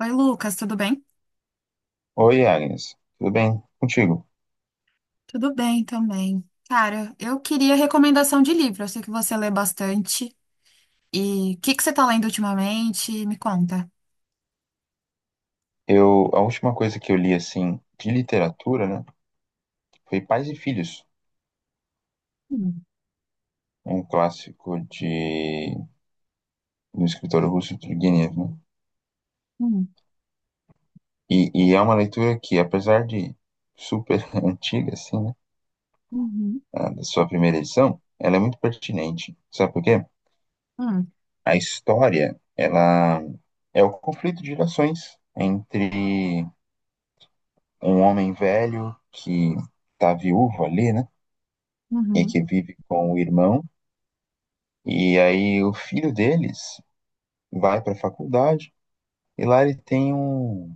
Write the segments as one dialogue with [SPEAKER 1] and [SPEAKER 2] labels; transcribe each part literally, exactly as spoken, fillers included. [SPEAKER 1] Oi, Lucas, tudo bem?
[SPEAKER 2] Oi, Agnes. Tudo bem contigo?
[SPEAKER 1] Tudo bem também. Cara, eu queria recomendação de livro. Eu sei que você lê bastante. E o que que você tá lendo ultimamente? Me conta.
[SPEAKER 2] Eu, a última coisa que eu li, assim, de literatura, né, foi Pais e Filhos,
[SPEAKER 1] Hum,
[SPEAKER 2] um clássico de, do escritor russo Turgenev, né?
[SPEAKER 1] hum,
[SPEAKER 2] E, e é uma leitura que, apesar de super antiga, assim, né,
[SPEAKER 1] uhum,
[SPEAKER 2] a da sua primeira edição, ela é muito pertinente. Sabe por quê?
[SPEAKER 1] Hum,
[SPEAKER 2] A história, ela é o conflito de gerações entre um homem velho que tá viúvo ali, né, e
[SPEAKER 1] uhum,
[SPEAKER 2] que vive com o irmão. E aí o filho deles vai para a faculdade e lá ele tem um,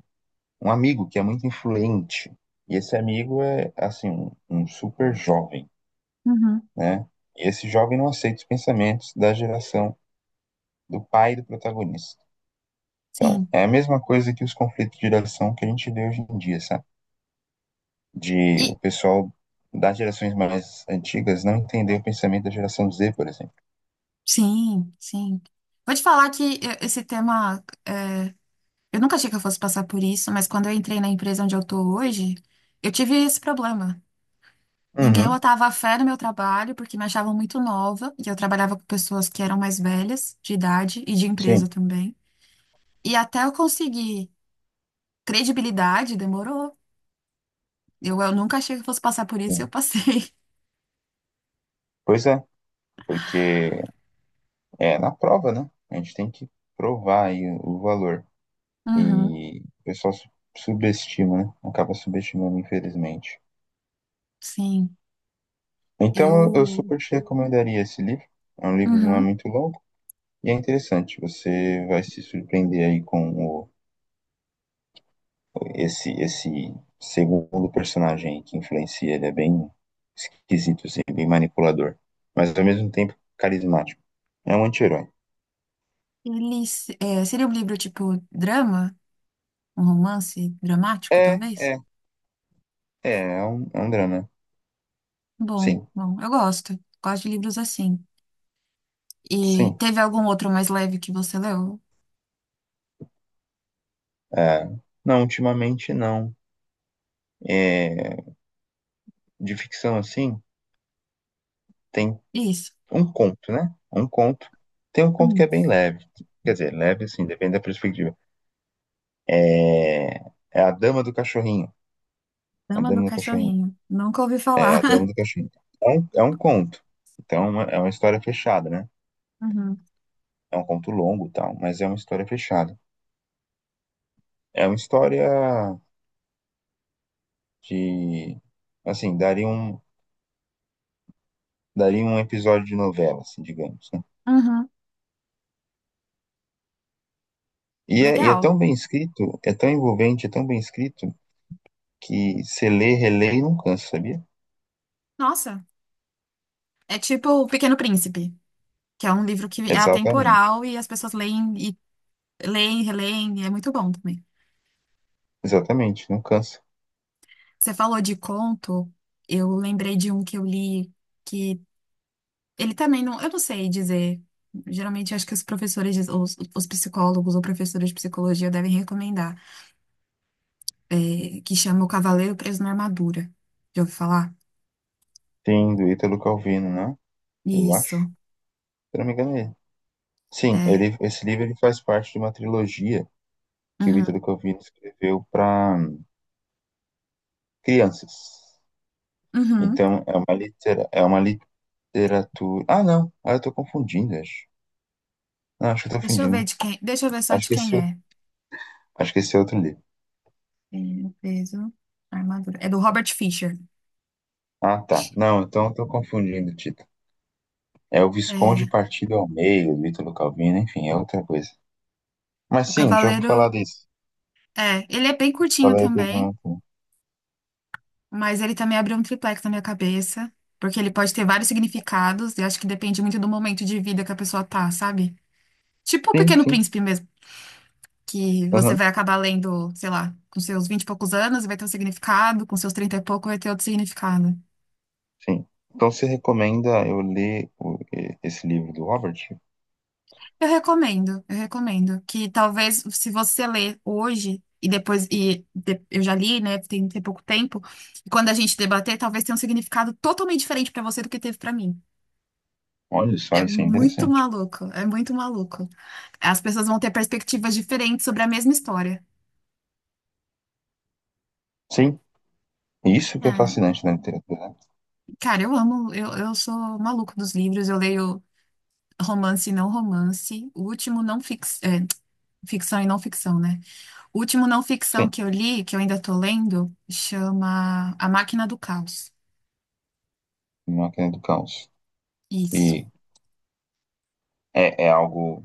[SPEAKER 2] um amigo que é muito influente. E esse amigo é, assim, um, um super jovem,
[SPEAKER 1] uhum.
[SPEAKER 2] né? E esse jovem não aceita os pensamentos da geração do pai do protagonista. Então,
[SPEAKER 1] Sim.
[SPEAKER 2] é a mesma coisa que os conflitos de geração que a gente vê hoje em dia, sabe? De o
[SPEAKER 1] E
[SPEAKER 2] pessoal das gerações mais antigas não entender o pensamento da geração Z, por exemplo.
[SPEAKER 1] sim, sim. Vou te falar que eu- esse tema, eu nunca achei que eu fosse passar por isso, mas quando eu entrei na empresa onde eu tô hoje, eu tive esse problema. Ninguém
[SPEAKER 2] Uhum,
[SPEAKER 1] botava fé no meu trabalho porque me achavam muito nova e eu trabalhava com pessoas que eram mais velhas, de idade e de
[SPEAKER 2] sim,
[SPEAKER 1] empresa também. E até eu conseguir credibilidade, demorou. Eu, eu nunca achei que fosse passar por isso e
[SPEAKER 2] sim.
[SPEAKER 1] eu passei.
[SPEAKER 2] Pois é, porque é, na prova, né? A gente tem que provar aí o valor.
[SPEAKER 1] Uhum.
[SPEAKER 2] E o pessoal su- subestima, né? Acaba subestimando, infelizmente.
[SPEAKER 1] Sim.
[SPEAKER 2] Então, eu eu
[SPEAKER 1] Eu.
[SPEAKER 2] super te recomendaria esse livro. É um livro que não é
[SPEAKER 1] Uhum.
[SPEAKER 2] muito longo e é interessante. Você vai se surpreender aí com o, esse, esse segundo personagem aí que influencia. Ele é bem esquisito, assim, bem manipulador, mas ao mesmo tempo carismático. É um anti-herói.
[SPEAKER 1] Ele, se- é, seria um livro tipo drama? Um romance dramático,
[SPEAKER 2] É,
[SPEAKER 1] talvez?
[SPEAKER 2] é, é, é um, É um drama.
[SPEAKER 1] Bom,
[SPEAKER 2] Sim,
[SPEAKER 1] bom, eu gosto. Gosto de livros assim. E
[SPEAKER 2] sim.
[SPEAKER 1] teve algum outro mais leve que você leu?
[SPEAKER 2] É, não, ultimamente não. É, de ficção assim, tem
[SPEAKER 1] Isso.
[SPEAKER 2] um conto, né? Um conto. Tem um conto que
[SPEAKER 1] Hum.
[SPEAKER 2] é bem leve. Quer dizer, leve assim, depende da perspectiva. É, É A Dama do Cachorrinho. A
[SPEAKER 1] Dama do
[SPEAKER 2] Dama do Cachorrinho.
[SPEAKER 1] Cachorrinho. Nunca ouvi
[SPEAKER 2] É,
[SPEAKER 1] falar.
[SPEAKER 2] A Dama do Cachorrinho. É um, é um conto. Então, é uma é uma história fechada, né?
[SPEAKER 1] Uhum.
[SPEAKER 2] É um conto longo, e tal, mas é uma história fechada. É uma história que, assim, daria um, daria um episódio de novela, assim, digamos, né?
[SPEAKER 1] Uhum.
[SPEAKER 2] E é, e é
[SPEAKER 1] Legal.
[SPEAKER 2] tão bem escrito, é tão envolvente, é tão bem escrito, que você lê, relê e não cansa, sabia?
[SPEAKER 1] Nossa, é tipo O Pequeno Príncipe, que é um livro que é
[SPEAKER 2] Exatamente,
[SPEAKER 1] atemporal e as pessoas leem e leem, releem, e é muito bom também.
[SPEAKER 2] exatamente, não cansa.
[SPEAKER 1] Você falou de conto, eu lembrei de um que eu li que ele também não, eu não sei dizer. Geralmente acho que os professores, diz- os, os psicólogos ou professores de psicologia devem recomendar, é, que chama O Cavaleiro Preso na Armadura. Já ouviu falar?
[SPEAKER 2] Sim, do Ítalo Calvino, né? Eu acho, se
[SPEAKER 1] Isso.
[SPEAKER 2] eu não me engano é ele. Sim,
[SPEAKER 1] É.
[SPEAKER 2] ele, esse livro ele faz parte de uma trilogia que o
[SPEAKER 1] Uhum.
[SPEAKER 2] Ítalo Calvino escreveu para crianças.
[SPEAKER 1] Uhum.
[SPEAKER 2] Então, é uma, litera, é uma literatura... Ah, não, ah, eu tô confundindo, acho. Não, acho que eu tô
[SPEAKER 1] Deixa eu ver
[SPEAKER 2] confundindo.
[SPEAKER 1] de quem. Deixa eu ver só
[SPEAKER 2] Acho
[SPEAKER 1] de
[SPEAKER 2] que esse,
[SPEAKER 1] quem
[SPEAKER 2] é o-
[SPEAKER 1] é.
[SPEAKER 2] Acho que esse é outro livro.
[SPEAKER 1] Ele peso, armadura. É do Robert Fisher.
[SPEAKER 2] Ah, tá. Não, então eu tô confundindo, Tito. É o Visconde
[SPEAKER 1] É,
[SPEAKER 2] partido ao meio, Ítalo Calvino, enfim, é outra coisa. Mas
[SPEAKER 1] o
[SPEAKER 2] sim, já vou falar
[SPEAKER 1] Cavaleiro.
[SPEAKER 2] disso.
[SPEAKER 1] É, ele é bem curtinho
[SPEAKER 2] Falar depois
[SPEAKER 1] também,
[SPEAKER 2] não.
[SPEAKER 1] mas ele também abriu um triplex na minha cabeça, porque ele pode ter vários significados, e acho que depende muito do momento de vida que a pessoa tá, sabe? Tipo o
[SPEAKER 2] Sim,
[SPEAKER 1] Pequeno
[SPEAKER 2] sim.
[SPEAKER 1] Príncipe mesmo, que você
[SPEAKER 2] Aham,
[SPEAKER 1] vai acabar lendo, sei lá, com seus vinte e poucos anos e vai ter um significado, com seus trinta e pouco vai ter outro significado.
[SPEAKER 2] sim. Então você recomenda eu ler o- e- esse livro do Robert?
[SPEAKER 1] Eu recomendo, eu recomendo que talvez se você ler hoje e depois e de- eu já li, né, tem, tem pouco tempo, e quando a gente debater, talvez tenha um significado totalmente diferente pra você do que teve pra mim.
[SPEAKER 2] Olha só,
[SPEAKER 1] É
[SPEAKER 2] isso é
[SPEAKER 1] muito
[SPEAKER 2] interessante.
[SPEAKER 1] maluco, é muito maluco. As pessoas vão ter perspectivas diferentes sobre a mesma história.
[SPEAKER 2] Sim, isso que é
[SPEAKER 1] É,
[SPEAKER 2] fascinante na literatura, né?
[SPEAKER 1] cara, eu amo, eu, eu sou maluco dos livros, eu leio romance e não romance, o último não fix, é, ficção e não ficção, né? O último não ficção
[SPEAKER 2] Sim,
[SPEAKER 1] que eu li, que eu ainda tô lendo, chama A Máquina do Caos.
[SPEAKER 2] Máquina do Caos. E
[SPEAKER 1] Isso.
[SPEAKER 2] é, é algo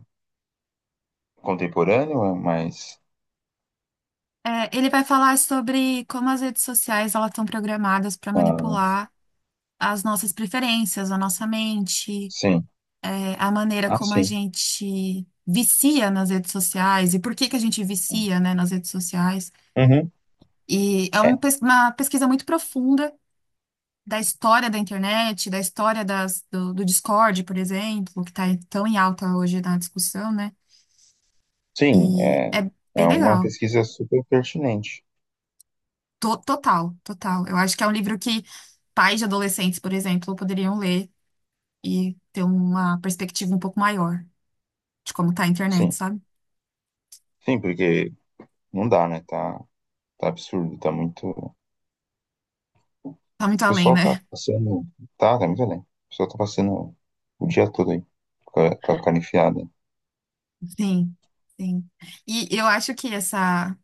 [SPEAKER 2] contemporâneo, é mais.
[SPEAKER 1] É, ele vai falar sobre como as redes sociais elas estão programadas para
[SPEAKER 2] Ah,
[SPEAKER 1] manipular as nossas preferências, a nossa mente,
[SPEAKER 2] sim.
[SPEAKER 1] é, a maneira
[SPEAKER 2] Ah,
[SPEAKER 1] como a
[SPEAKER 2] sim.
[SPEAKER 1] gente vicia nas redes sociais e por que que a gente vicia, né, nas redes sociais.
[SPEAKER 2] Uhum.
[SPEAKER 1] E é um
[SPEAKER 2] É,
[SPEAKER 1] pes- uma pesquisa muito profunda da história da internet, da história das- do, do Discord, por exemplo, que está tão em alta hoje na discussão, né?
[SPEAKER 2] sim,
[SPEAKER 1] E
[SPEAKER 2] é,
[SPEAKER 1] é bem
[SPEAKER 2] é uma
[SPEAKER 1] legal.
[SPEAKER 2] pesquisa super pertinente.
[SPEAKER 1] To- Total, total. Eu acho que é um livro que pais de adolescentes, por exemplo, poderiam ler e ter uma perspectiva um pouco maior de como tá a internet,
[SPEAKER 2] Sim,
[SPEAKER 1] sabe?
[SPEAKER 2] sim, porque não dá, né? Tá, tá absurdo, tá muito. O
[SPEAKER 1] Tá muito além,
[SPEAKER 2] pessoal tá
[SPEAKER 1] né?
[SPEAKER 2] passando. Tá, tá muito além. O pessoal tá passando o dia todo aí, com a, com a cara enfiada.
[SPEAKER 1] Sim, sim. E eu acho que essa,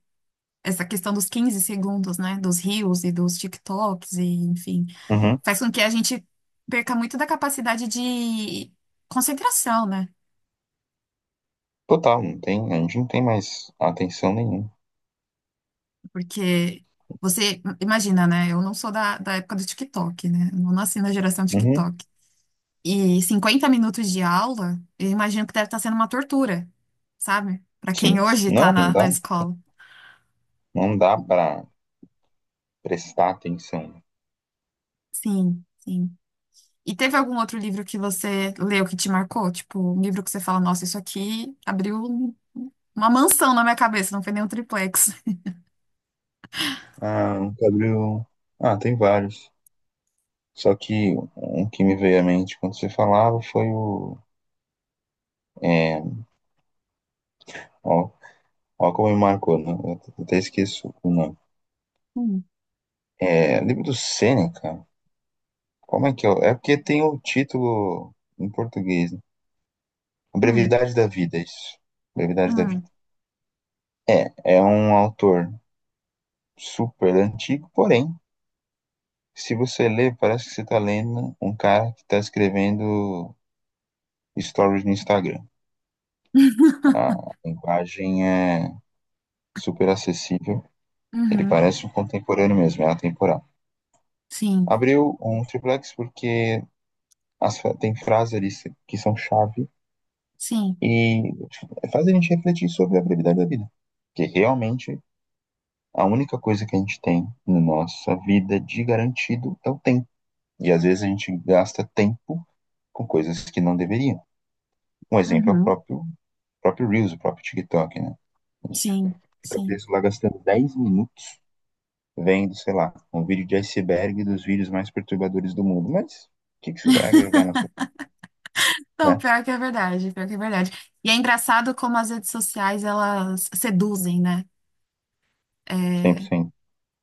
[SPEAKER 1] essa questão dos quinze segundos, né? Dos reels e dos TikToks, e, enfim,
[SPEAKER 2] Uhum.
[SPEAKER 1] faz com que a gente perca muito da capacidade de concentração, né?
[SPEAKER 2] Total, não tem, a gente não tem mais atenção nenhuma.
[SPEAKER 1] Porque você, imagina, né? Eu não sou da, da época do TikTok, né? Eu não nasci na geração
[SPEAKER 2] Uhum.
[SPEAKER 1] TikTok. E cinquenta minutos de aula, eu imagino que deve estar sendo uma tortura, sabe? Para quem
[SPEAKER 2] Sim.
[SPEAKER 1] hoje está
[SPEAKER 2] Não, não
[SPEAKER 1] na,
[SPEAKER 2] dá.
[SPEAKER 1] na escola.
[SPEAKER 2] Não dá pra prestar atenção.
[SPEAKER 1] Sim, sim. E teve algum outro livro que você leu que te marcou? Tipo, um livro que você fala, nossa, isso aqui abriu um- uma mansão na minha cabeça, não foi nem um triplex.
[SPEAKER 2] Ah, um Gabriel. Ah, tem vários. Só que um que me veio à mente quando você falava foi o. É, ó, Ó como me marcou, né? Eu até esqueço o nome.
[SPEAKER 1] Hum,
[SPEAKER 2] É, livro do Sêneca. Como é que eu... É porque tem o título em português, né? A
[SPEAKER 1] hum,
[SPEAKER 2] Brevidade da Vida, é isso. Brevidade da
[SPEAKER 1] hum.
[SPEAKER 2] Vida. É, é um autor super antigo, porém, se você lê, parece que você está lendo um cara que está escrevendo stories no Instagram. A linguagem é super acessível, ele
[SPEAKER 1] Uhum.
[SPEAKER 2] parece um contemporâneo mesmo, é atemporal.
[SPEAKER 1] Sim,
[SPEAKER 2] Abriu um triplex porque as tem frases ali que são chave
[SPEAKER 1] sim.
[SPEAKER 2] e faz a gente refletir sobre a brevidade da vida. Porque realmente a única coisa que a gente tem na nossa vida de garantido é o tempo. E às vezes a gente gasta tempo com coisas que não deveriam. Um exemplo é o
[SPEAKER 1] Uhum.
[SPEAKER 2] próprio, próprio Reels, o próprio TikTok, né? A gente
[SPEAKER 1] Sim,
[SPEAKER 2] fica
[SPEAKER 1] sim.
[SPEAKER 2] preso lá gastando dez minutos vendo, sei lá, um vídeo de iceberg dos vídeos mais perturbadores do mundo. Mas o que, que isso vai agregar na sua vida,
[SPEAKER 1] Não,
[SPEAKER 2] né?
[SPEAKER 1] pior que é verdade, pior que é verdade. E é engraçado como as redes sociais, elas seduzem, né? É,
[SPEAKER 2] cem por cento.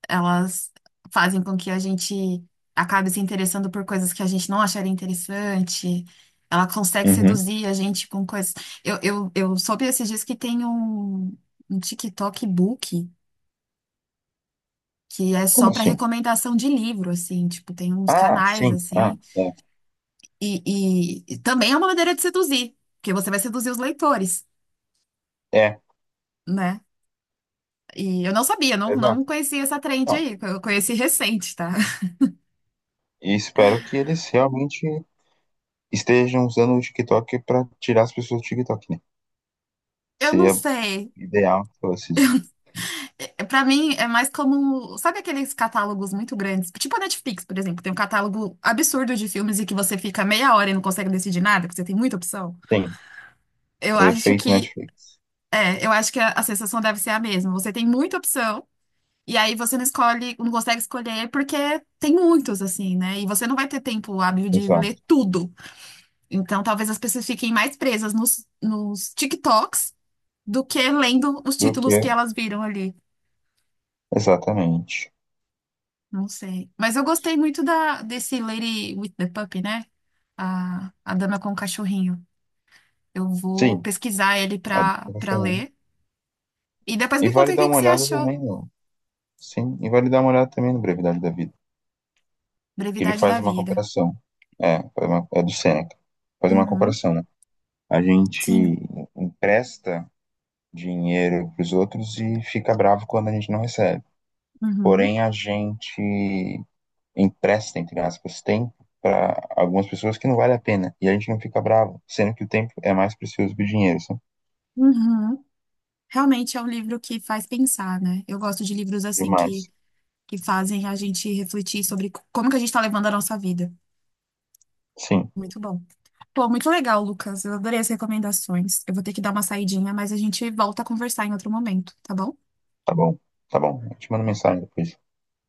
[SPEAKER 1] Elas fazem com que a gente acabe se interessando por coisas que a gente não acharia interessante. Ela consegue
[SPEAKER 2] Uhum.
[SPEAKER 1] seduzir a gente com coisas... Eu, eu, eu soube esses dias que tem um, um TikTok Book que é só
[SPEAKER 2] Como
[SPEAKER 1] para
[SPEAKER 2] assim?
[SPEAKER 1] recomendação de livro, assim. Tipo, tem uns
[SPEAKER 2] Ah,
[SPEAKER 1] canais,
[SPEAKER 2] sim. Ah,
[SPEAKER 1] assim.
[SPEAKER 2] é.
[SPEAKER 1] E, e e também é uma maneira de seduzir, porque você vai seduzir os leitores,
[SPEAKER 2] É,
[SPEAKER 1] né? E eu não sabia, não, não
[SPEAKER 2] exato.
[SPEAKER 1] conhecia essa trend
[SPEAKER 2] Ah,
[SPEAKER 1] aí, eu conheci recente, tá?
[SPEAKER 2] e espero que eles realmente estejam usando o TikTok para tirar as pessoas do TikTok, né?
[SPEAKER 1] Eu não
[SPEAKER 2] Seria
[SPEAKER 1] sei.
[SPEAKER 2] ideal que fosse isso.
[SPEAKER 1] É, Pra mim é mais como, sabe aqueles catálogos muito grandes, tipo a Netflix, por exemplo, tem um catálogo absurdo de filmes e que você fica meia hora e não consegue decidir nada, porque você tem muita opção.
[SPEAKER 2] Sim,
[SPEAKER 1] Eu
[SPEAKER 2] o
[SPEAKER 1] acho
[SPEAKER 2] efeito
[SPEAKER 1] que
[SPEAKER 2] Netflix.
[SPEAKER 1] é, eu acho que a, a sensação deve ser a mesma. Você tem muita opção e aí você não escolhe, não consegue escolher porque tem muitos assim, né? E você não vai ter tempo hábil de ler
[SPEAKER 2] Exato.
[SPEAKER 1] tudo. Então, talvez as pessoas fiquem mais presas nos, nos TikToks do que lendo os
[SPEAKER 2] Do
[SPEAKER 1] títulos
[SPEAKER 2] que?
[SPEAKER 1] que elas viram ali.
[SPEAKER 2] Exatamente.
[SPEAKER 1] Não sei. Mas eu gostei muito da, desse Lady with the Puppy, né? A, a Dama com o Cachorrinho. Eu vou
[SPEAKER 2] Sim,
[SPEAKER 1] pesquisar ele
[SPEAKER 2] a do que
[SPEAKER 1] pra,
[SPEAKER 2] eu tô
[SPEAKER 1] pra
[SPEAKER 2] falando.
[SPEAKER 1] ler. E depois
[SPEAKER 2] E
[SPEAKER 1] me
[SPEAKER 2] vale
[SPEAKER 1] conta o
[SPEAKER 2] dar
[SPEAKER 1] que
[SPEAKER 2] uma
[SPEAKER 1] que você
[SPEAKER 2] olhada
[SPEAKER 1] achou.
[SPEAKER 2] também no. Sim, e vale dar uma olhada também no Brevidade da Vida. Que ele
[SPEAKER 1] Brevidade da
[SPEAKER 2] faz uma
[SPEAKER 1] Vida.
[SPEAKER 2] comparação. É, faz uma- é do Seneca. Faz uma
[SPEAKER 1] Uhum,
[SPEAKER 2] comparação, né? A gente
[SPEAKER 1] sim.
[SPEAKER 2] empresta dinheiro para os outros e fica bravo quando a gente não recebe.
[SPEAKER 1] Uhum,
[SPEAKER 2] Porém, a gente empresta, entre aspas, tempo para algumas pessoas que não vale a pena. E a gente não fica bravo, sendo que o tempo é mais precioso que o dinheiro, sabe?
[SPEAKER 1] uhum. Realmente é um livro que faz pensar, né? Eu gosto de livros assim que,
[SPEAKER 2] Demais.
[SPEAKER 1] que fazem a gente refletir sobre c- como que a gente está levando a nossa vida.
[SPEAKER 2] Sim,
[SPEAKER 1] Muito bom. Pô, muito legal, Lucas. Eu adorei as recomendações. Eu vou ter que dar uma saidinha, mas a gente volta a conversar em outro momento, tá bom?
[SPEAKER 2] tá bom. Tá bom. Eu te mando mensagem depois.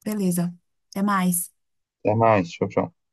[SPEAKER 1] Beleza. Até mais.
[SPEAKER 2] Até mais. Tchau, tchau.